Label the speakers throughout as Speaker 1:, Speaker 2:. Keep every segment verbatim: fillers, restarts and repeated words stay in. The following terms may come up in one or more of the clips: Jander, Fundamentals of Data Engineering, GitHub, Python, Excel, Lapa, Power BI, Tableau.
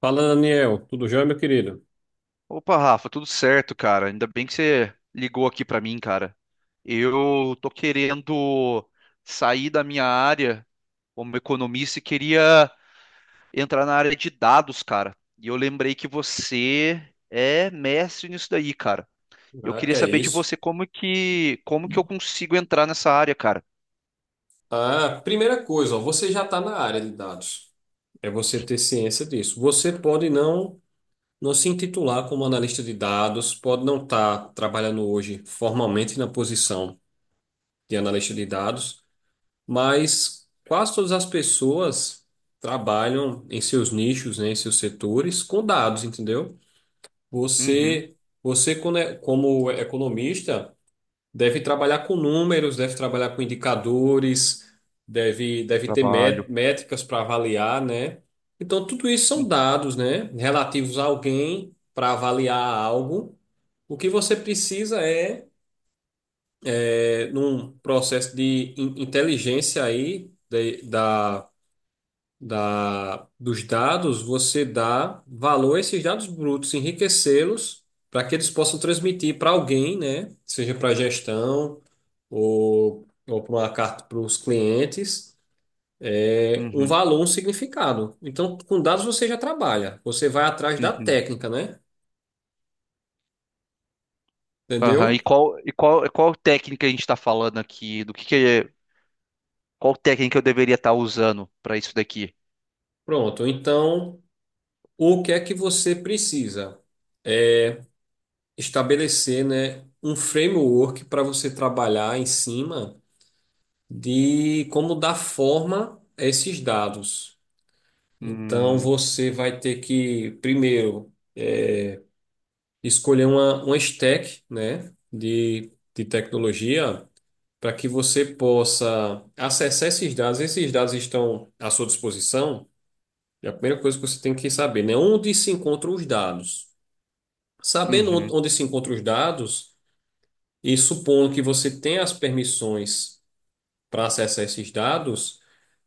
Speaker 1: Fala, Daniel. Tudo jóia, meu querido?
Speaker 2: Opa, Rafa, tudo certo, cara? Ainda bem que você ligou aqui pra mim, cara. Eu tô querendo sair da minha área como economista e queria entrar na área de dados, cara. E eu lembrei que você é mestre nisso daí, cara. E eu
Speaker 1: Ah,
Speaker 2: queria
Speaker 1: que é
Speaker 2: saber de
Speaker 1: isso.
Speaker 2: você como que como que eu consigo entrar nessa área, cara.
Speaker 1: Ah, primeira coisa, ó, você já está na área de dados. É você ter ciência disso. Você pode não não se intitular como analista de dados, pode não estar trabalhando hoje formalmente na posição de analista de dados, mas quase todas as pessoas trabalham em seus nichos, né, em seus setores com dados, entendeu?
Speaker 2: Uhum,
Speaker 1: Você, você como é- como economista deve trabalhar com números, deve trabalhar com indicadores, deve, deve ter
Speaker 2: trabalho.
Speaker 1: mé- métricas para avaliar, né? Então, tudo isso são
Speaker 2: Hum.
Speaker 1: dados, né? Relativos a alguém para avaliar algo. O que você precisa é, é, num processo de in- inteligência aí, de- da da, dos dados, você dá valor a esses dados brutos, enriquecê-los para que eles possam transmitir para alguém, né? Seja para a gestão ou, ou para uma carta para os clientes, é, um
Speaker 2: Uhum,
Speaker 1: valor, um significado. Então, com dados você já trabalha, você vai atrás da
Speaker 2: uhum.
Speaker 1: técnica, né?
Speaker 2: Aham. E
Speaker 1: Entendeu?
Speaker 2: qual e qual e qual técnica a gente tá falando aqui? Do que que é? Qual técnica eu deveria estar usando para isso daqui?
Speaker 1: Pronto. Então, o que é que você precisa? Estabelecer, né, um framework para você trabalhar em cima de como dar forma a esses dados. Então,
Speaker 2: Hum.
Speaker 1: você vai ter que, primeiro, escolher uma, uma stack, né, de, de tecnologia para que você possa acessar esses dados. Esses dados estão à sua disposição. É a primeira coisa que você tem que saber, né? Onde se encontram os dados. Sabendo on-
Speaker 2: Uhum,
Speaker 1: onde se encontram os dados, e supondo que você tenha as permissões para acessar esses dados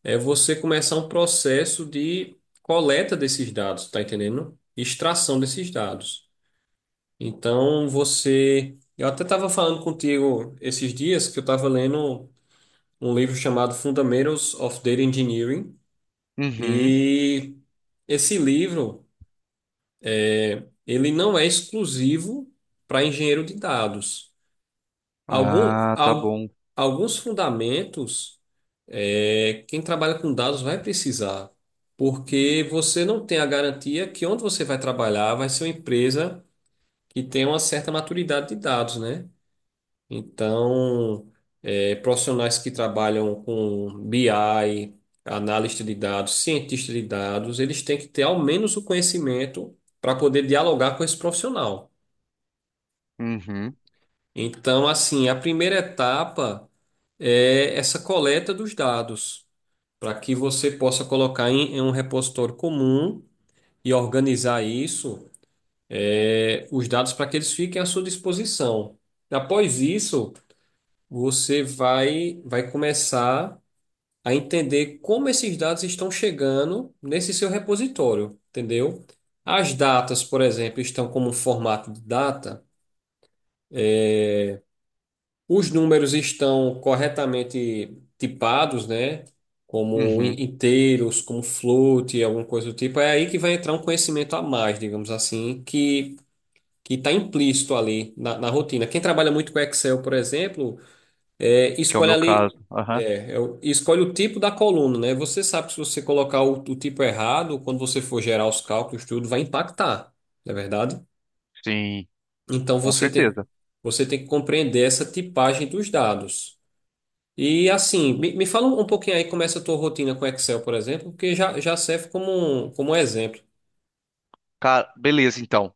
Speaker 1: é você começar um processo de coleta desses dados, tá entendendo? Extração desses dados. Então você. Eu até estava falando contigo esses dias que eu estava lendo um livro chamado Fundamentals of Data Engineering.
Speaker 2: uhum.
Speaker 1: E esse livro, ele não é exclusivo para engenheiro de dados. Algum,
Speaker 2: Ah, tá
Speaker 1: al-
Speaker 2: bom.
Speaker 1: Alguns fundamentos, é, quem trabalha com dados vai precisar, porque você não tem a garantia que onde você vai trabalhar vai ser uma empresa que tem uma certa maturidade de dados, né? Então, é, profissionais que trabalham com B I, analista de dados, cientista de dados, eles têm que ter ao menos o conhecimento para poder dialogar com esse profissional.
Speaker 2: Uhum,
Speaker 1: Então, assim, a primeira etapa é essa coleta dos dados, para que você possa colocar em, em um repositório comum e organizar isso, é, os dados para que eles fiquem à sua disposição. Após isso, você vai, vai começar a entender como esses dados estão chegando nesse seu repositório, entendeu? As datas, por exemplo, estão como um formato de data. Os números estão corretamente tipados, né? Como
Speaker 2: uhum.
Speaker 1: in- inteiros, como float, alguma coisa do tipo. É aí que vai entrar um conhecimento a mais, digamos assim, que que está implícito ali na, na rotina. Quem trabalha muito com Excel, por exemplo, é,
Speaker 2: Que é o
Speaker 1: escolhe
Speaker 2: meu
Speaker 1: ali,
Speaker 2: caso. Aham.
Speaker 1: é, é o- escolhe o tipo da coluna, né? Você sabe que se você colocar o, o tipo errado, quando você for gerar os cálculos, tudo vai impactar, não é verdade?
Speaker 2: Sim,
Speaker 1: Então
Speaker 2: com
Speaker 1: você tem,
Speaker 2: certeza.
Speaker 1: Você tem que compreender essa tipagem dos dados. E assim, me, me fala um pouquinho aí como é essa tua rotina com Excel, por exemplo, porque já, já serve como um, como um exemplo.
Speaker 2: Cara, beleza, então.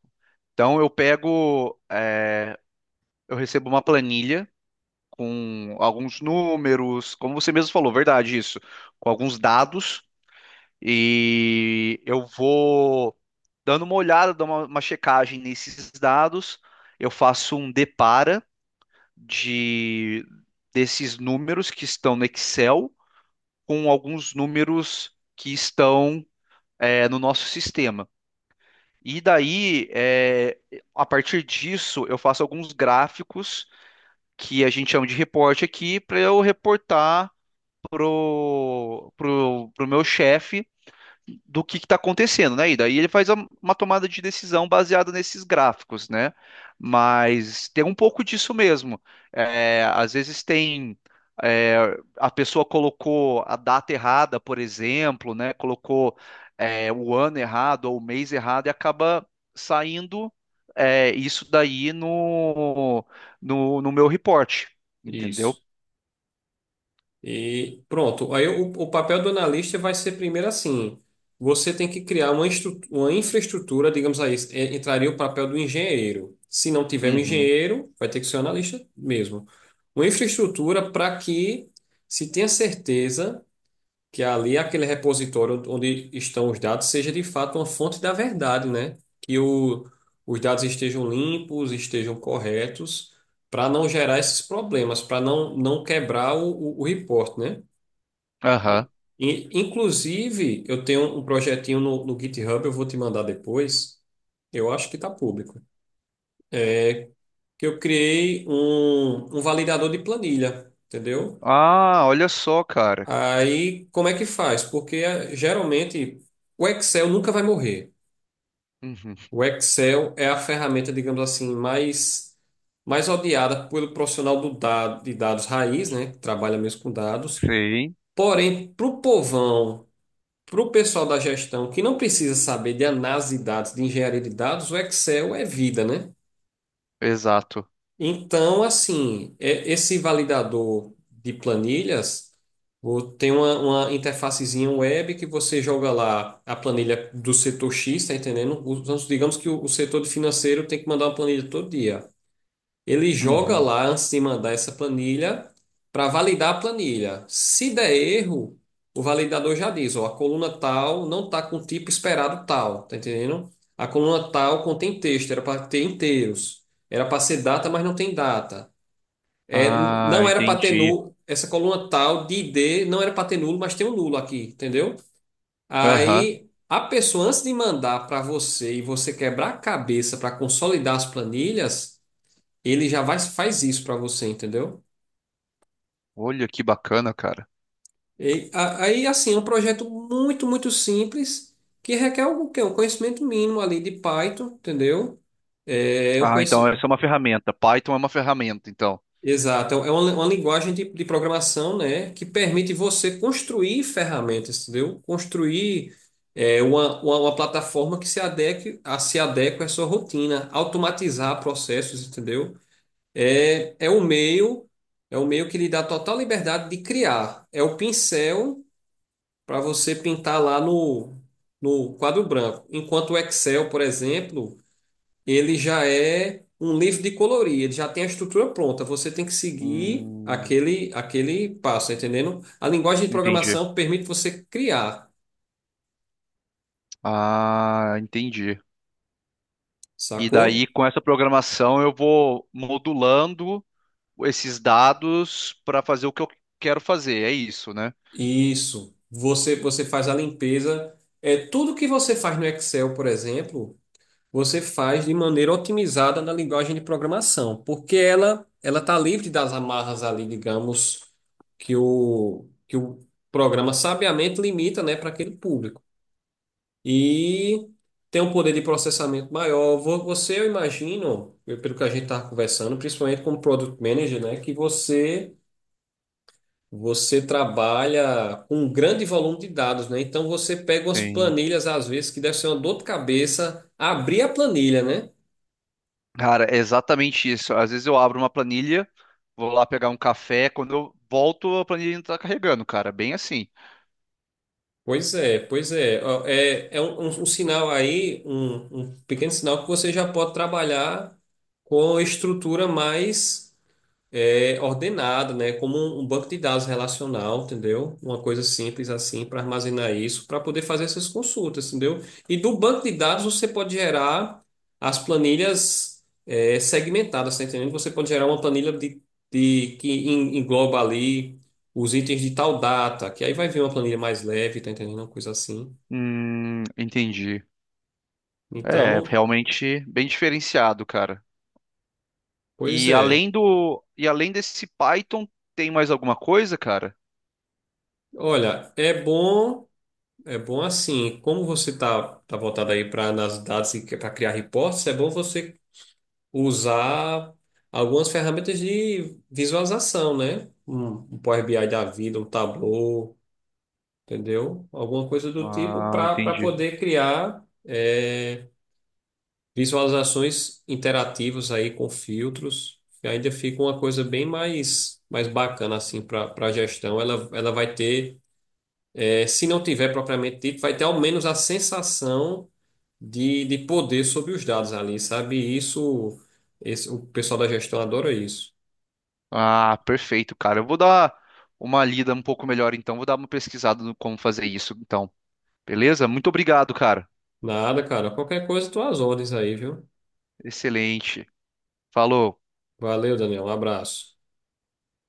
Speaker 2: Então eu pego, é, eu recebo uma planilha com alguns números, como você mesmo falou, verdade isso, com alguns dados e eu vou dando uma olhada, dando uma, uma checagem nesses dados. Eu faço um depara de desses números que estão no Excel com alguns números que estão é, no nosso sistema. E daí, é, a partir disso, eu faço alguns gráficos que a gente chama de reporte aqui para eu reportar pro, pro, pro meu chefe do que está acontecendo, né? E daí ele faz a- uma tomada de decisão baseada nesses gráficos, né? Mas tem um pouco disso mesmo. É, às vezes tem. é, a pessoa colocou a data errada, por exemplo, né? Colocou, é, o ano errado ou o mês errado e acaba saindo, é, isso daí no, no, no meu report, entendeu?
Speaker 1: Isso. E pronto. Aí o, o papel do analista vai ser primeiro assim: você tem que criar uma, estru- uma infraestrutura, digamos aí, é, entraria o papel do engenheiro. Se não tiver um
Speaker 2: Uhum.
Speaker 1: engenheiro, vai ter que ser um analista mesmo. Uma infraestrutura para que se tenha certeza, que é ali aquele repositório onde estão os dados seja de fato uma fonte da verdade, né? Que o, os dados estejam limpos, estejam corretos, para não gerar esses problemas, para não, não quebrar o, o, o report, né?
Speaker 2: Aham.
Speaker 1: E, e, inclusive, eu tenho um projetinho no, no GitHub, eu vou te mandar depois, eu acho que está público, é que eu criei um, um validador de planilha, entendeu?
Speaker 2: Ah, olha só, cara.
Speaker 1: Aí, como é que faz? Porque eh, geralmente o Excel nunca vai morrer.
Speaker 2: Uhum.
Speaker 1: O Excel é a ferramenta, digamos assim, mais, mais odiada pelo profissional do dado, de dados raiz, né? Que trabalha mesmo com dados.
Speaker 2: Sim.
Speaker 1: Porém, para o povão, para o pessoal da gestão que não precisa saber de análise de dados, de engenharia de dados, o Excel é vida, né?
Speaker 2: Exato.
Speaker 1: Então, assim, é- esse validador de planilhas o- tem uma, uma interfacezinha web que você joga lá a planilha do setor X, tá entendendo? Os- Digamos que o, o setor de financeiro tem que mandar uma planilha todo dia. Ele joga
Speaker 2: Uhum.
Speaker 1: lá antes de mandar essa planilha para validar a planilha. Se der erro, o validador já diz, ó, a coluna tal não está com o tipo esperado tal, tá entendendo? A coluna tal contém texto, era para ter inteiros. Era para ser data, mas não tem data. É, n-
Speaker 2: Ah,
Speaker 1: não era para ter
Speaker 2: entendi.
Speaker 1: nulo, essa coluna tal de I D não era para ter nulo, mas tem um nulo aqui, entendeu?
Speaker 2: Aham.
Speaker 1: Aí a pessoa antes de mandar para você e você quebrar a cabeça para consolidar as planilhas, ele já vai, faz isso para você, entendeu?
Speaker 2: Olha que bacana, cara.
Speaker 1: E, a- aí, assim, é um projeto muito, muito simples, que requer o quê? Um conhecimento mínimo ali de Python, entendeu? É, eu
Speaker 2: Ah, então
Speaker 1: conheci...
Speaker 2: essa é uma ferramenta. Python é uma ferramenta, então.
Speaker 1: Exato, é uma, uma linguagem de, de programação, né, que permite você construir ferramentas, entendeu? Construir é, uma, uma, uma plataforma que se adeque, a, se adeque à sua rotina, automatizar processos, entendeu? É, é o meio, é o meio que lhe dá total liberdade de criar. É o pincel para você pintar lá no, no quadro branco. Enquanto o Excel, por exemplo, ele já é um livro de colorir, ele já tem a estrutura pronta. Você tem que seguir
Speaker 2: Hum,
Speaker 1: aquele, aquele passo, tá entendendo? A linguagem de
Speaker 2: entendi.
Speaker 1: programação permite você criar,
Speaker 2: Ah, entendi. E
Speaker 1: sacou?
Speaker 2: daí, com essa programação, eu vou modulando esses dados para fazer o que eu quero fazer. É isso, né?
Speaker 1: Isso. Você, você faz a limpeza. É tudo que você faz no Excel, por exemplo. Você faz de maneira otimizada na linguagem de programação, porque ela ela está livre das amarras ali, digamos, que o, que o programa sabiamente limita, né, para aquele público. E tem um poder de processamento maior. Vo- Você, eu imagino, eu- Pelo que a gente estava conversando, principalmente como Product Manager, né, que você você trabalha com um grande volume de dados, né? Então você pega umas
Speaker 2: Sim.
Speaker 1: planilhas, às vezes, que deve ser uma dor de cabeça abrir a planilha, né?
Speaker 2: Cara, é exatamente isso. Às vezes eu abro uma planilha, vou lá pegar um café, quando eu volto, a planilha ainda tá carregando, cara. Bem assim.
Speaker 1: Pois é, pois é. Ó, é, é um, um- um sinal aí, um, um pequeno sinal que você já pode trabalhar com estrutura mais é, ordenada, né? Como um um banco de dados relacional, entendeu? Uma coisa simples assim para armazenar isso, para poder fazer essas consultas, entendeu? E do banco de dados você pode gerar as planilhas é, segmentadas, tá entendendo? Você pode gerar uma planilha de, de- que en- engloba ali os itens de tal data, que aí vai vir uma planilha mais leve, tá entendendo? Uma coisa assim.
Speaker 2: Hum, entendi. É,
Speaker 1: Então,
Speaker 2: realmente bem diferenciado, cara.
Speaker 1: pois
Speaker 2: E
Speaker 1: é.
Speaker 2: além do, e além desse Python, tem mais alguma coisa, cara?
Speaker 1: Olha, é bom. É bom assim, como você está tá, tá voltado aí para nas dados e para criar reportes, é bom você usar algumas ferramentas de visualização, né? Um, um Power B I da vida, um Tableau, entendeu? Alguma coisa do tipo
Speaker 2: Ah,
Speaker 1: para para
Speaker 2: entendi.
Speaker 1: poder criar é, visualizações interativas aí com filtros. E ainda fica uma coisa bem mais mais bacana assim para para gestão. Ela ela vai ter, é, se não tiver propriamente dito, vai ter ao menos a sensação de, de poder sobre os dados ali, sabe? E Isso, esse, o pessoal da gestão adora isso.
Speaker 2: Ah, perfeito, cara. Eu vou dar uma lida um pouco melhor, então. Vou dar uma pesquisada no como fazer isso, então. Beleza? Muito obrigado, cara.
Speaker 1: Nada, cara. Qualquer coisa, tuas ordens aí, viu?
Speaker 2: Excelente. Falou.
Speaker 1: Valeu, Daniel. Um abraço.